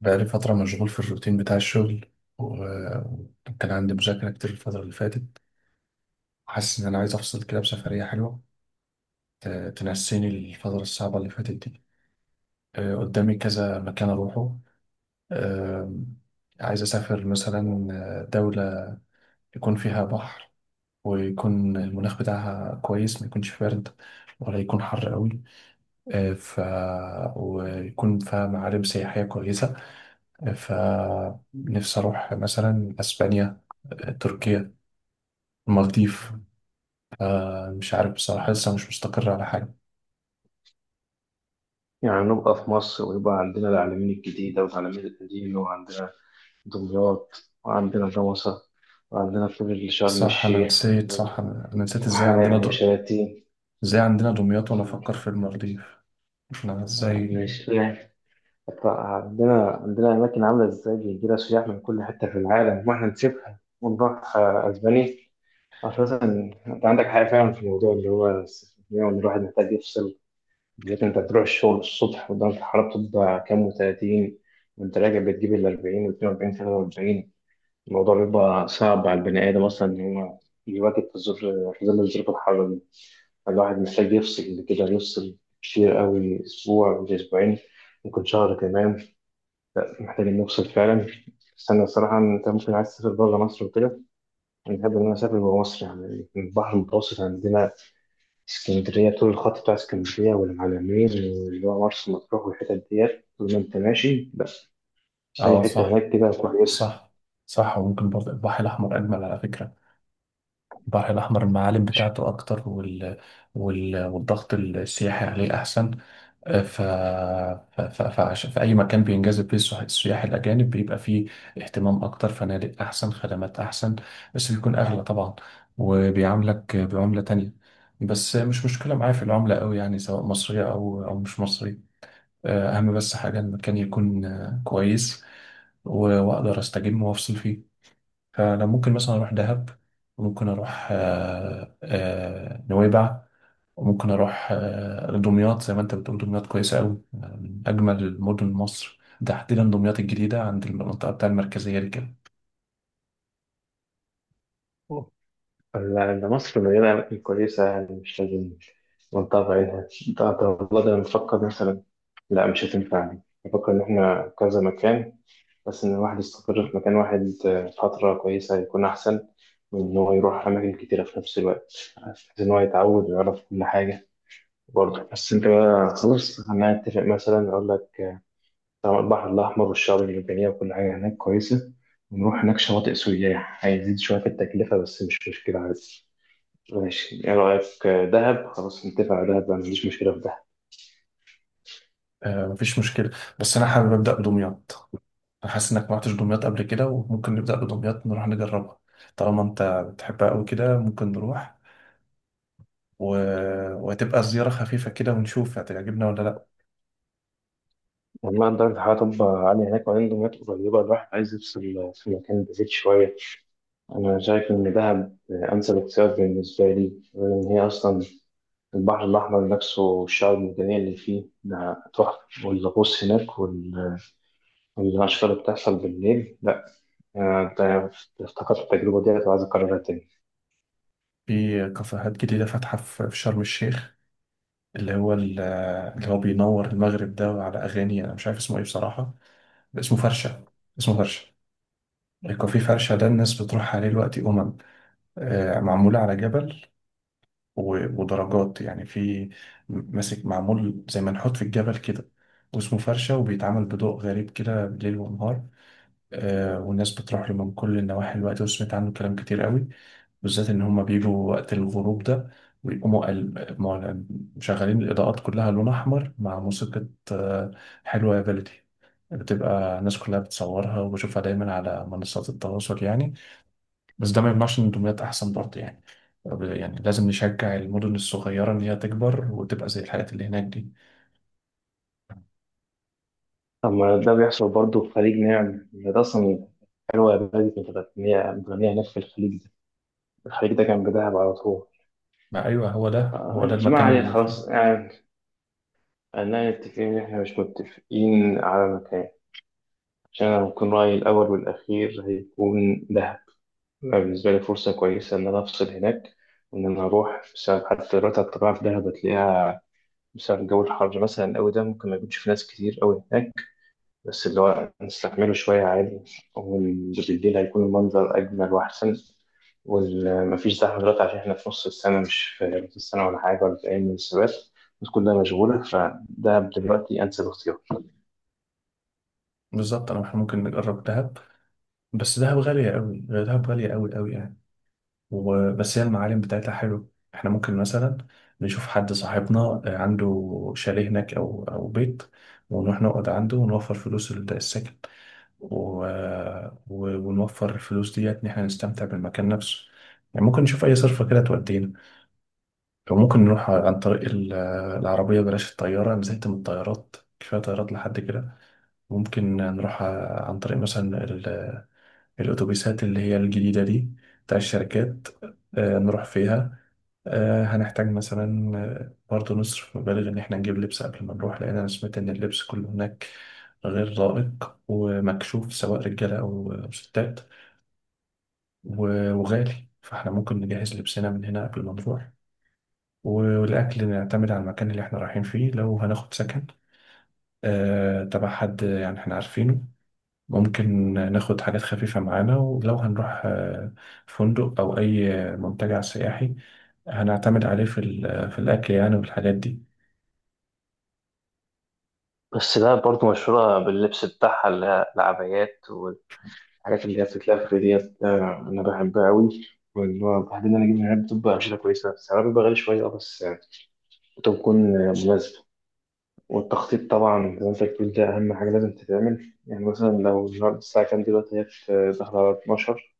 بقالي فترة مشغول في الروتين بتاع الشغل و- وكان عندي مذاكرة كتير الفترة اللي فاتت. حاسس إن أنا عايز أفصل كده بسفرية حلوة ت- تنسيني الفترة الصعبة اللي فاتت دي. قدامي كذا مكان أروحه. آه، عايز أسافر مثلا دولة يكون فيها بحر، ويكون المناخ بتاعها كويس، ما يكونش بارد ولا يكون حر قوي، آه، ف ويكون فيها معالم سياحية كويسة. فنفسي أروح مثلا أسبانيا، تركيا، المالديف. مش عارف بصراحة، لسه مش مستقر على حاجة. يعني نبقى في مصر ويبقى عندنا العلمين الجديدة والعلمين القديمة وعندنا دمياط وعندنا جمصة وعندنا كل شرم صح، أنا الشيخ نسيت، صح، وال- أنا نسيت وحلايب وشلاتين إزاي عندنا دمياط وأنا وعندنا أفكر في المالديف؟ إحنا إزاي؟ الشيخ. عندنا أماكن عاملة إزاي بيجي لها سياح من كل حتة في العالم، وإحنا نسيبها ونروح أسبانيا أساسا. أنت عندك حاجة فعلا في الموضوع اللي هو السفرية، وإن الواحد محتاج يفصل، بالذات انت تروح الشغل الصبح ودرجة الحرارة بتبقى كام وتلاتين، وانت راجع بتجيب ال 40 و 42 43. الموضوع بيبقى صعب على البني آدم أصلا إن هو يواكب في الظروف، في ظل الظروف الحارة دي الواحد محتاج يفصل، كده يفصل كتير قوي، أسبوع وأسبوعين، ممكن شهر كمان، محتاج إنه يفصل فعلا. بس أنا الصراحة أنت ممكن عايز تسافر بره مصر وكده، أنا بحب إن أنا أسافر جوه مصر، يعني البحر المتوسط عندنا اسكندرية، طول الخط بتاع اسكندرية والمعلمين واللي هو مرسى مطروح والحتت ديت، طول ما انت ماشي بس أي أه حتة صح. هناك كده كويسة. صح. صح، وممكن برضه البحر الأحمر أجمل على فكرة. البحر الأحمر المعالم مش بتاعته أكتر والضغط السياحي عليه أحسن. في أي مكان بينجذب فيه السياح الأجانب بيبقى فيه اهتمام أكتر، فنادق أحسن، خدمات أحسن، بس بيكون أغلى طبعا، وبيعاملك بعملة تانية. بس مش مشكلة معايا في العملة أوي، يعني سواء مصرية أو مش مصرية. أهم بس حاجة المكان يكون كويس، وأقدر أستجم وأفصل فيه. فأنا ممكن مثلا أروح دهب، ممكن أروح نويبع، وممكن اروح دمياط. زي ما انت بتقول دمياط كويسه قوي، من اجمل مدن مصر، تحديدا دمياط الجديده عند المنطقه بتاع المركزيه دي كده. لا، ده مصر مليانة أماكن كويسة، يعني مش لازم منطقة بعيدة. ده والله، ده أنا بفكر مثلا، لا مش هتنفع دي، بفكر إن إحنا كذا مكان، بس إن الواحد يستقر في مكان واحد فترة كويسة هيكون أحسن من إن هو يروح أماكن كتيرة في نفس الوقت، بحيث إن هو يتعود ويعرف كل حاجة. برضه بس انت بقى خلاص هنتفق، مثلا اقول لك طبعا البحر الاحمر والشعاب المرجانيه وكل حاجه هناك كويسه، ونروح هناك شواطئ سياح، هيزيد شويه في التكلفه بس مش مشكله عادي. ماشي، ايه رايك؟ دهب. خلاص نتفق على دهب، ما عنديش مشكله في دهب. مفيش مشكله، بس انا حابب ابدا بدمياط. انا حاسس انك ما رحتش دمياط قبل كده، وممكن نبدا بدمياط نروح نجربها طالما انت بتحبها قوي كده. ممكن نروح و- وهتبقى زياره خفيفه كده ونشوف هتعجبنا ولا لا. لما درجه الحراره تبقى عاليه هناك وعنده مياه قريبه، الواحد عايز يفصل في مكان بعيد شويه. انا شايف ان دهب انسب اختيار بالنسبه لي، لان هي اصلا البحر الاحمر نفسه والشعاب المرجانيه اللي فيه ده تحفه، والغوص هناك وال- الأشكال اللي بتحصل بالليل، لأ أنت افتكرت التجربة ديت وعايز أكررها تاني. في كافيهات جديده فاتحه في شرم الشيخ، اللي هو ال- اللي هو بينور المغرب ده على اغاني، انا مش عارف اسمه ايه بصراحه. اسمه فرشة. اسمه فرشة. الكوفي فرشة ده الناس بتروح عليه دلوقتي. أمم آه، معمول على جبل، ودرجات، يعني في ماسك معمول زي ما نحط في الجبل كده، واسمه فرشة، وبيتعمل بضوء غريب كده بالليل ونهار. والناس بتروح له من كل النواحي الوقت، وسمعت عنه كلام كتير قوي. بالذات إن هما بيجوا وقت الغروب ده ويقوموا قل- مع- مشغلين الإضاءات كلها لون أحمر مع موسيقى. آه، حلوة يا بلدي. بتبقى الناس كلها بتصورها، وبشوفها دايما على منصات التواصل يعني. بس ده ما يمنعش إن الدمياط أحسن برضه يعني. طب يعني لازم نشجع المدن الصغيرة إن هي تكبر وتبقى زي الحاجات اللي هناك دي. طب ده بيحصل برضه في خليج نعم ده أصلا. حلوة يا بلدي كانت متغنية هناك في الخليج ده، الخليج ده كان بدهب على طول. ما أيوه، هو ده هو ده ما المكان علينا خلاص يعني، خلينا نتفق إن إحنا مش متفقين على مكان، عشان أنا هكون رأيي الأول والأخير هيكون دهب. أنا بالنسبة لي فرصة كويسة إن أنا أفصل هناك، وإن أنا أروح بسبب حتى دلوقتي الطبيعة في دهب هتلاقيها بسبب الجو الحر مثلا أوي، ده ممكن ما يكونش في ناس كتير أوي هناك، بس اللي هو نستحمله شوية عادي، وبالليل هيكون المنظر أجمل وأحسن، ومفيش زحمة دلوقتي عشان إحنا في نص السنة، مش في نص السنة ولا حاجة ولا في أي من السبات، الناس كلها مشغولة، فده دلوقتي أنسب اختيار. بالظبط. أنا إحنا ممكن نجرب دهب، بس دهب غالية قوي، دهب غالية قوي قوي يعني. وبس هي المعالم بتاعتها حلو. احنا ممكن مثلا نشوف حد صاحبنا، عنده شاليه هناك، او بيت، ونروح نقعد عنده ونوفر فلوس السكن و... ونوفر الفلوس ديت ان احنا نستمتع بالمكان نفسه. يعني ممكن نشوف اي صرفة كده تودينا، او ممكن نروح عن طريق العربية. بلاش الطيارة، نزلت من الطيارات، كفاية طيارات لحد كده. ممكن نروح عن طريق مثلا الأتوبيسات اللي هي الجديدة دي بتاع الشركات. نروح فيها. هنحتاج مثلا برضه نصرف مبالغ إن إحنا نجيب لبس قبل ما نروح، لأن أنا سمعت إن اللبس كله هناك غير لائق ومكشوف، سواء رجالة أو ستات، وغالي. فإحنا ممكن نجهز لبسنا من هنا قبل ما نروح، والأكل نعتمد على المكان اللي إحنا رايحين فيه. لو هناخد سكن تبع حد يعني إحنا عارفينه، ممكن ناخد حاجات خفيفة معانا. ولو هنروح فندق أو أي منتجع سياحي، هنعتمد عليه في الأكل يعني والحاجات دي. بس ده برضه مشهورة باللبس بتاعها اللي هي العبايات والحاجات اللي هي بتتلف ديت، أنا بحبها أوي، واللي هو بعدين أنا أجيب من هناك بتبقى أمشيتها كويسة، سعرها بيبقى غالي شوية أه، بس بتكون مناسبة. والتخطيط طبعا زي ما انت بتقول ده أهم حاجة لازم تتعمل، يعني مثلا لو النهاردة الساعة كام دلوقتي، هي داخلة على 12.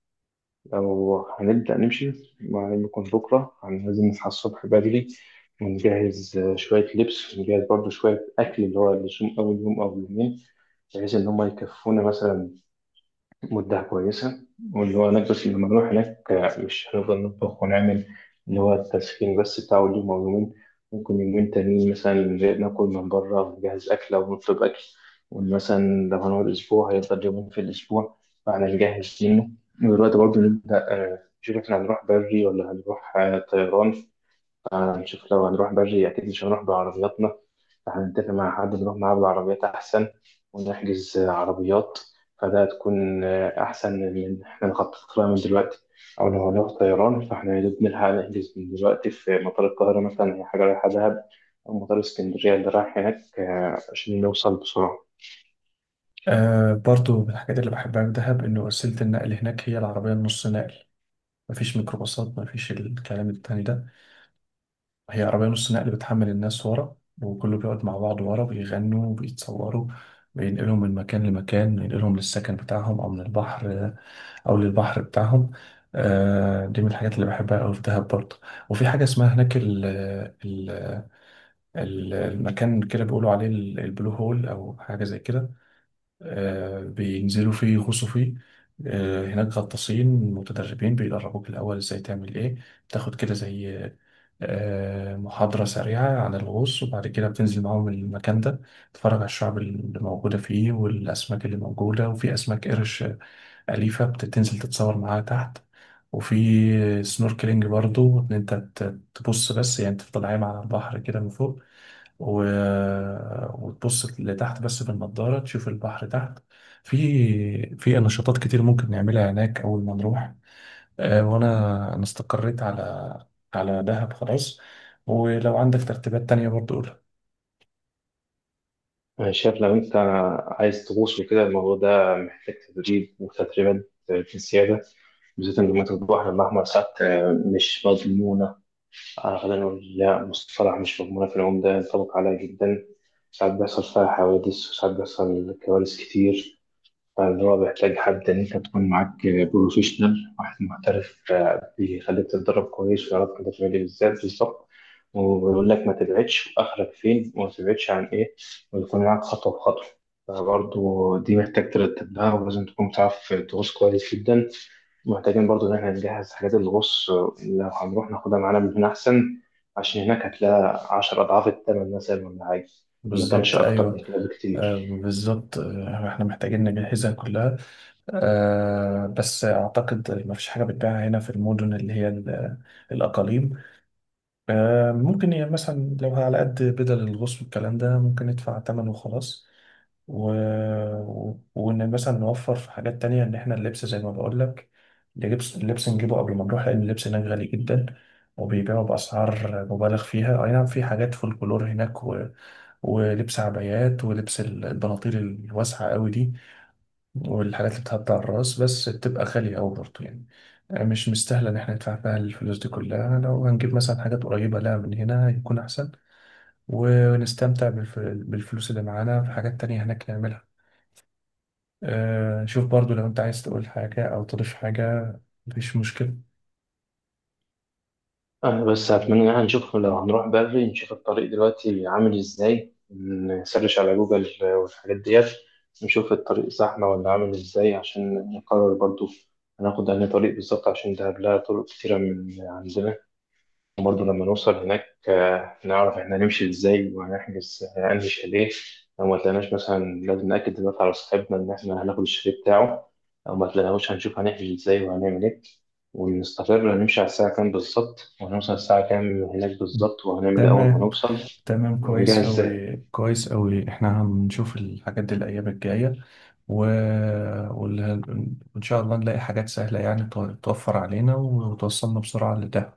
لو هنبدأ نمشي، ما يكون بكرة يعني لازم نصحى الصبح بدري، ونجهز شوية لبس، ونجهز برضه شوية أكل اللي هو اللي يصوم أول يوم أو يومين، بحيث إن هما يكفونا مثلا مدة كويسة، واللي هو نكبس لما نروح هناك مش هنفضل نطبخ ونعمل، اللي هو التسخين بس بتاع اليوم أو يومين. ممكن يومين تانيين مثلا ناكل من بره، نجهز أكل أو نطلب أكل. ومثلا لو هنقعد أسبوع هيفضل يومين في الأسبوع، فاحنا نجهز منه. ودلوقتي برضه نبدأ نشوف احنا هنروح بري ولا هنروح طيران. هنشوف لو هنروح بري أكيد مش هنروح بعربياتنا، فهنتفق مع حد نروح معاه بالعربيات أحسن، ونحجز عربيات، فده هتكون أحسن من إن إحنا نخطط لها من دلوقتي. أو لو هنروح طيران، فإحنا يا دوب نلحق نحجز من دلوقتي في مطار القاهرة مثلا هي حاجة رايحة دهب، أو مطار اسكندرية اللي رايح هناك، عشان نوصل بسرعة. برضو من الحاجات اللي بحبها في دهب إن وسيلة النقل هناك هي العربية النص نقل. مفيش ميكروباصات، مفيش الكلام التاني ده. هي عربية نص نقل بتحمل الناس ورا، وكله بيقعد مع بعض ورا بيغنوا وبيتصوروا. بينقلهم من مكان لمكان، بينقلهم للسكن بتاعهم، أو من البحر أو للبحر بتاعهم. دي من الحاجات اللي بحبها أوي في دهب برضه. وفي حاجة اسمها هناك ال المكان كده بيقولوا عليه البلو هول، أو حاجة زي كده. بينزلوا فيه يغوصوا فيه. هناك غطاسين متدربين بيدربوك الأول ازاي تعمل ايه. بتاخد كده زي محاضرة سريعة عن الغوص، وبعد كده بتنزل معاهم المكان ده، تتفرج على الشعب اللي موجودة فيه والأسماك اللي موجودة. وفي أسماك قرش أليفة، بتنزل تتصور معاها تحت. وفي سنوركلينج برضو، إن أنت تبص بس، يعني تفضل عايم على البحر كده من فوق و... وتبص لتحت بس بالنضارة تشوف البحر تحت. في نشاطات كتير ممكن نعملها هناك أول ما نروح. وأنا أنا استقريت على على دهب خلاص، ولو عندك ترتيبات تانية برضو قولها. أنا شايف لو أنت عايز تغوص وكده، الموضوع ده محتاج تدريب وتدريبات في السيادة، بالذات إن مية البحر الأحمر ساعات مش مضمونة. أنا غالبا أقول لا مصطلح مش مضمونة في العمدة ينطبق عليها جدا، ساعات بيحصل فيها حوادث وساعات بيحصل كوارث كتير. فاللي هو بيحتاج حد إن أنت تكون معاك بروفيشنال، واحد محترف بيخليك تتدرب كويس ويعرف أنت تعمل إيه بالذات بالظبط، ويقول لك ما تبعدش وآخرك فين وما تبعدش عن إيه، ويكون معاك خطوة بخطوة. فبرضه دي محتاج ترتب لها ولازم تكون بتعرف تغوص كويس جدا. محتاجين برضو إن إحنا نجهز حاجات الغوص، لو هنروح ناخدها معانا من هنا أحسن، عشان هناك هتلاقي عشر أضعاف التمن مثلا، ولا حاجة ما كانش بالظبط، أكتر أيوه. من كده بكتير. بالظبط، احنا محتاجين نجهزها كلها. بس أعتقد ما فيش حاجة بتباع هنا في المدن اللي هي الأقاليم. ممكن يعني مثلا، لو على قد بدل الغوص والكلام ده، ممكن ندفع تمن وخلاص، و... وإن مثلا نوفر في حاجات تانية. إن إحنا اللبس زي ما بقول لك، اللبس نجيبه قبل ما نروح، لأن اللبس هناك غالي جدا، وبيبيعوا بأسعار مبالغ فيها. أي نعم في حاجات فولكلور هناك ولبس عبايات، ولبس البناطيل الواسعة قوي دي، والحاجات اللي بتعدي على الراس، بس بتبقى غالية أوي برضه يعني. مش مستاهلة إن إحنا ندفع فيها الفلوس دي كلها. لو هنجيب مثلا حاجات قريبة لها من هنا يكون أحسن، ونستمتع بالفلوس اللي معانا في حاجات تانية هناك نعملها. أه شوف برضه، لو أنت عايز تقول حاجة أو تضيف حاجة مفيش مشكلة. أنا بس أتمنى إن إحنا نشوف لو هنروح بدري، نشوف الطريق دلوقتي عامل إزاي، نسرش على جوجل والحاجات ديت، نشوف الطريق زحمة ولا عامل إزاي، عشان نقرر برضو هناخد أنهي طريق بالظبط، عشان ده لها طرق كتيرة من عندنا. وبرضه لما نوصل هناك نعرف احنا هنمشي ازاي، وهنحجز انهي شاليه. لو ما تلاقيناش مثلا لازم نأكد دلوقتي على صاحبنا ان احنا هناخد الشاليه بتاعه، لو ما تلاقيناهوش هنشوف هنحجز ازاي وهنعمل ايه، ونستقر هنمشي على الساعة كام بالظبط، وهنوصل الساعة كام هناك بالظبط، وهنعمل ايه أول ما تمام، نوصل تمام، كويس ونجهز ازاي. أوي، كويس أوي. إحنا هنشوف الحاجات دي الأيام الجاية، و... وال- وإن شاء الله نلاقي حاجات سهلة، يعني توفر علينا وتوصلنا بسرعة لده.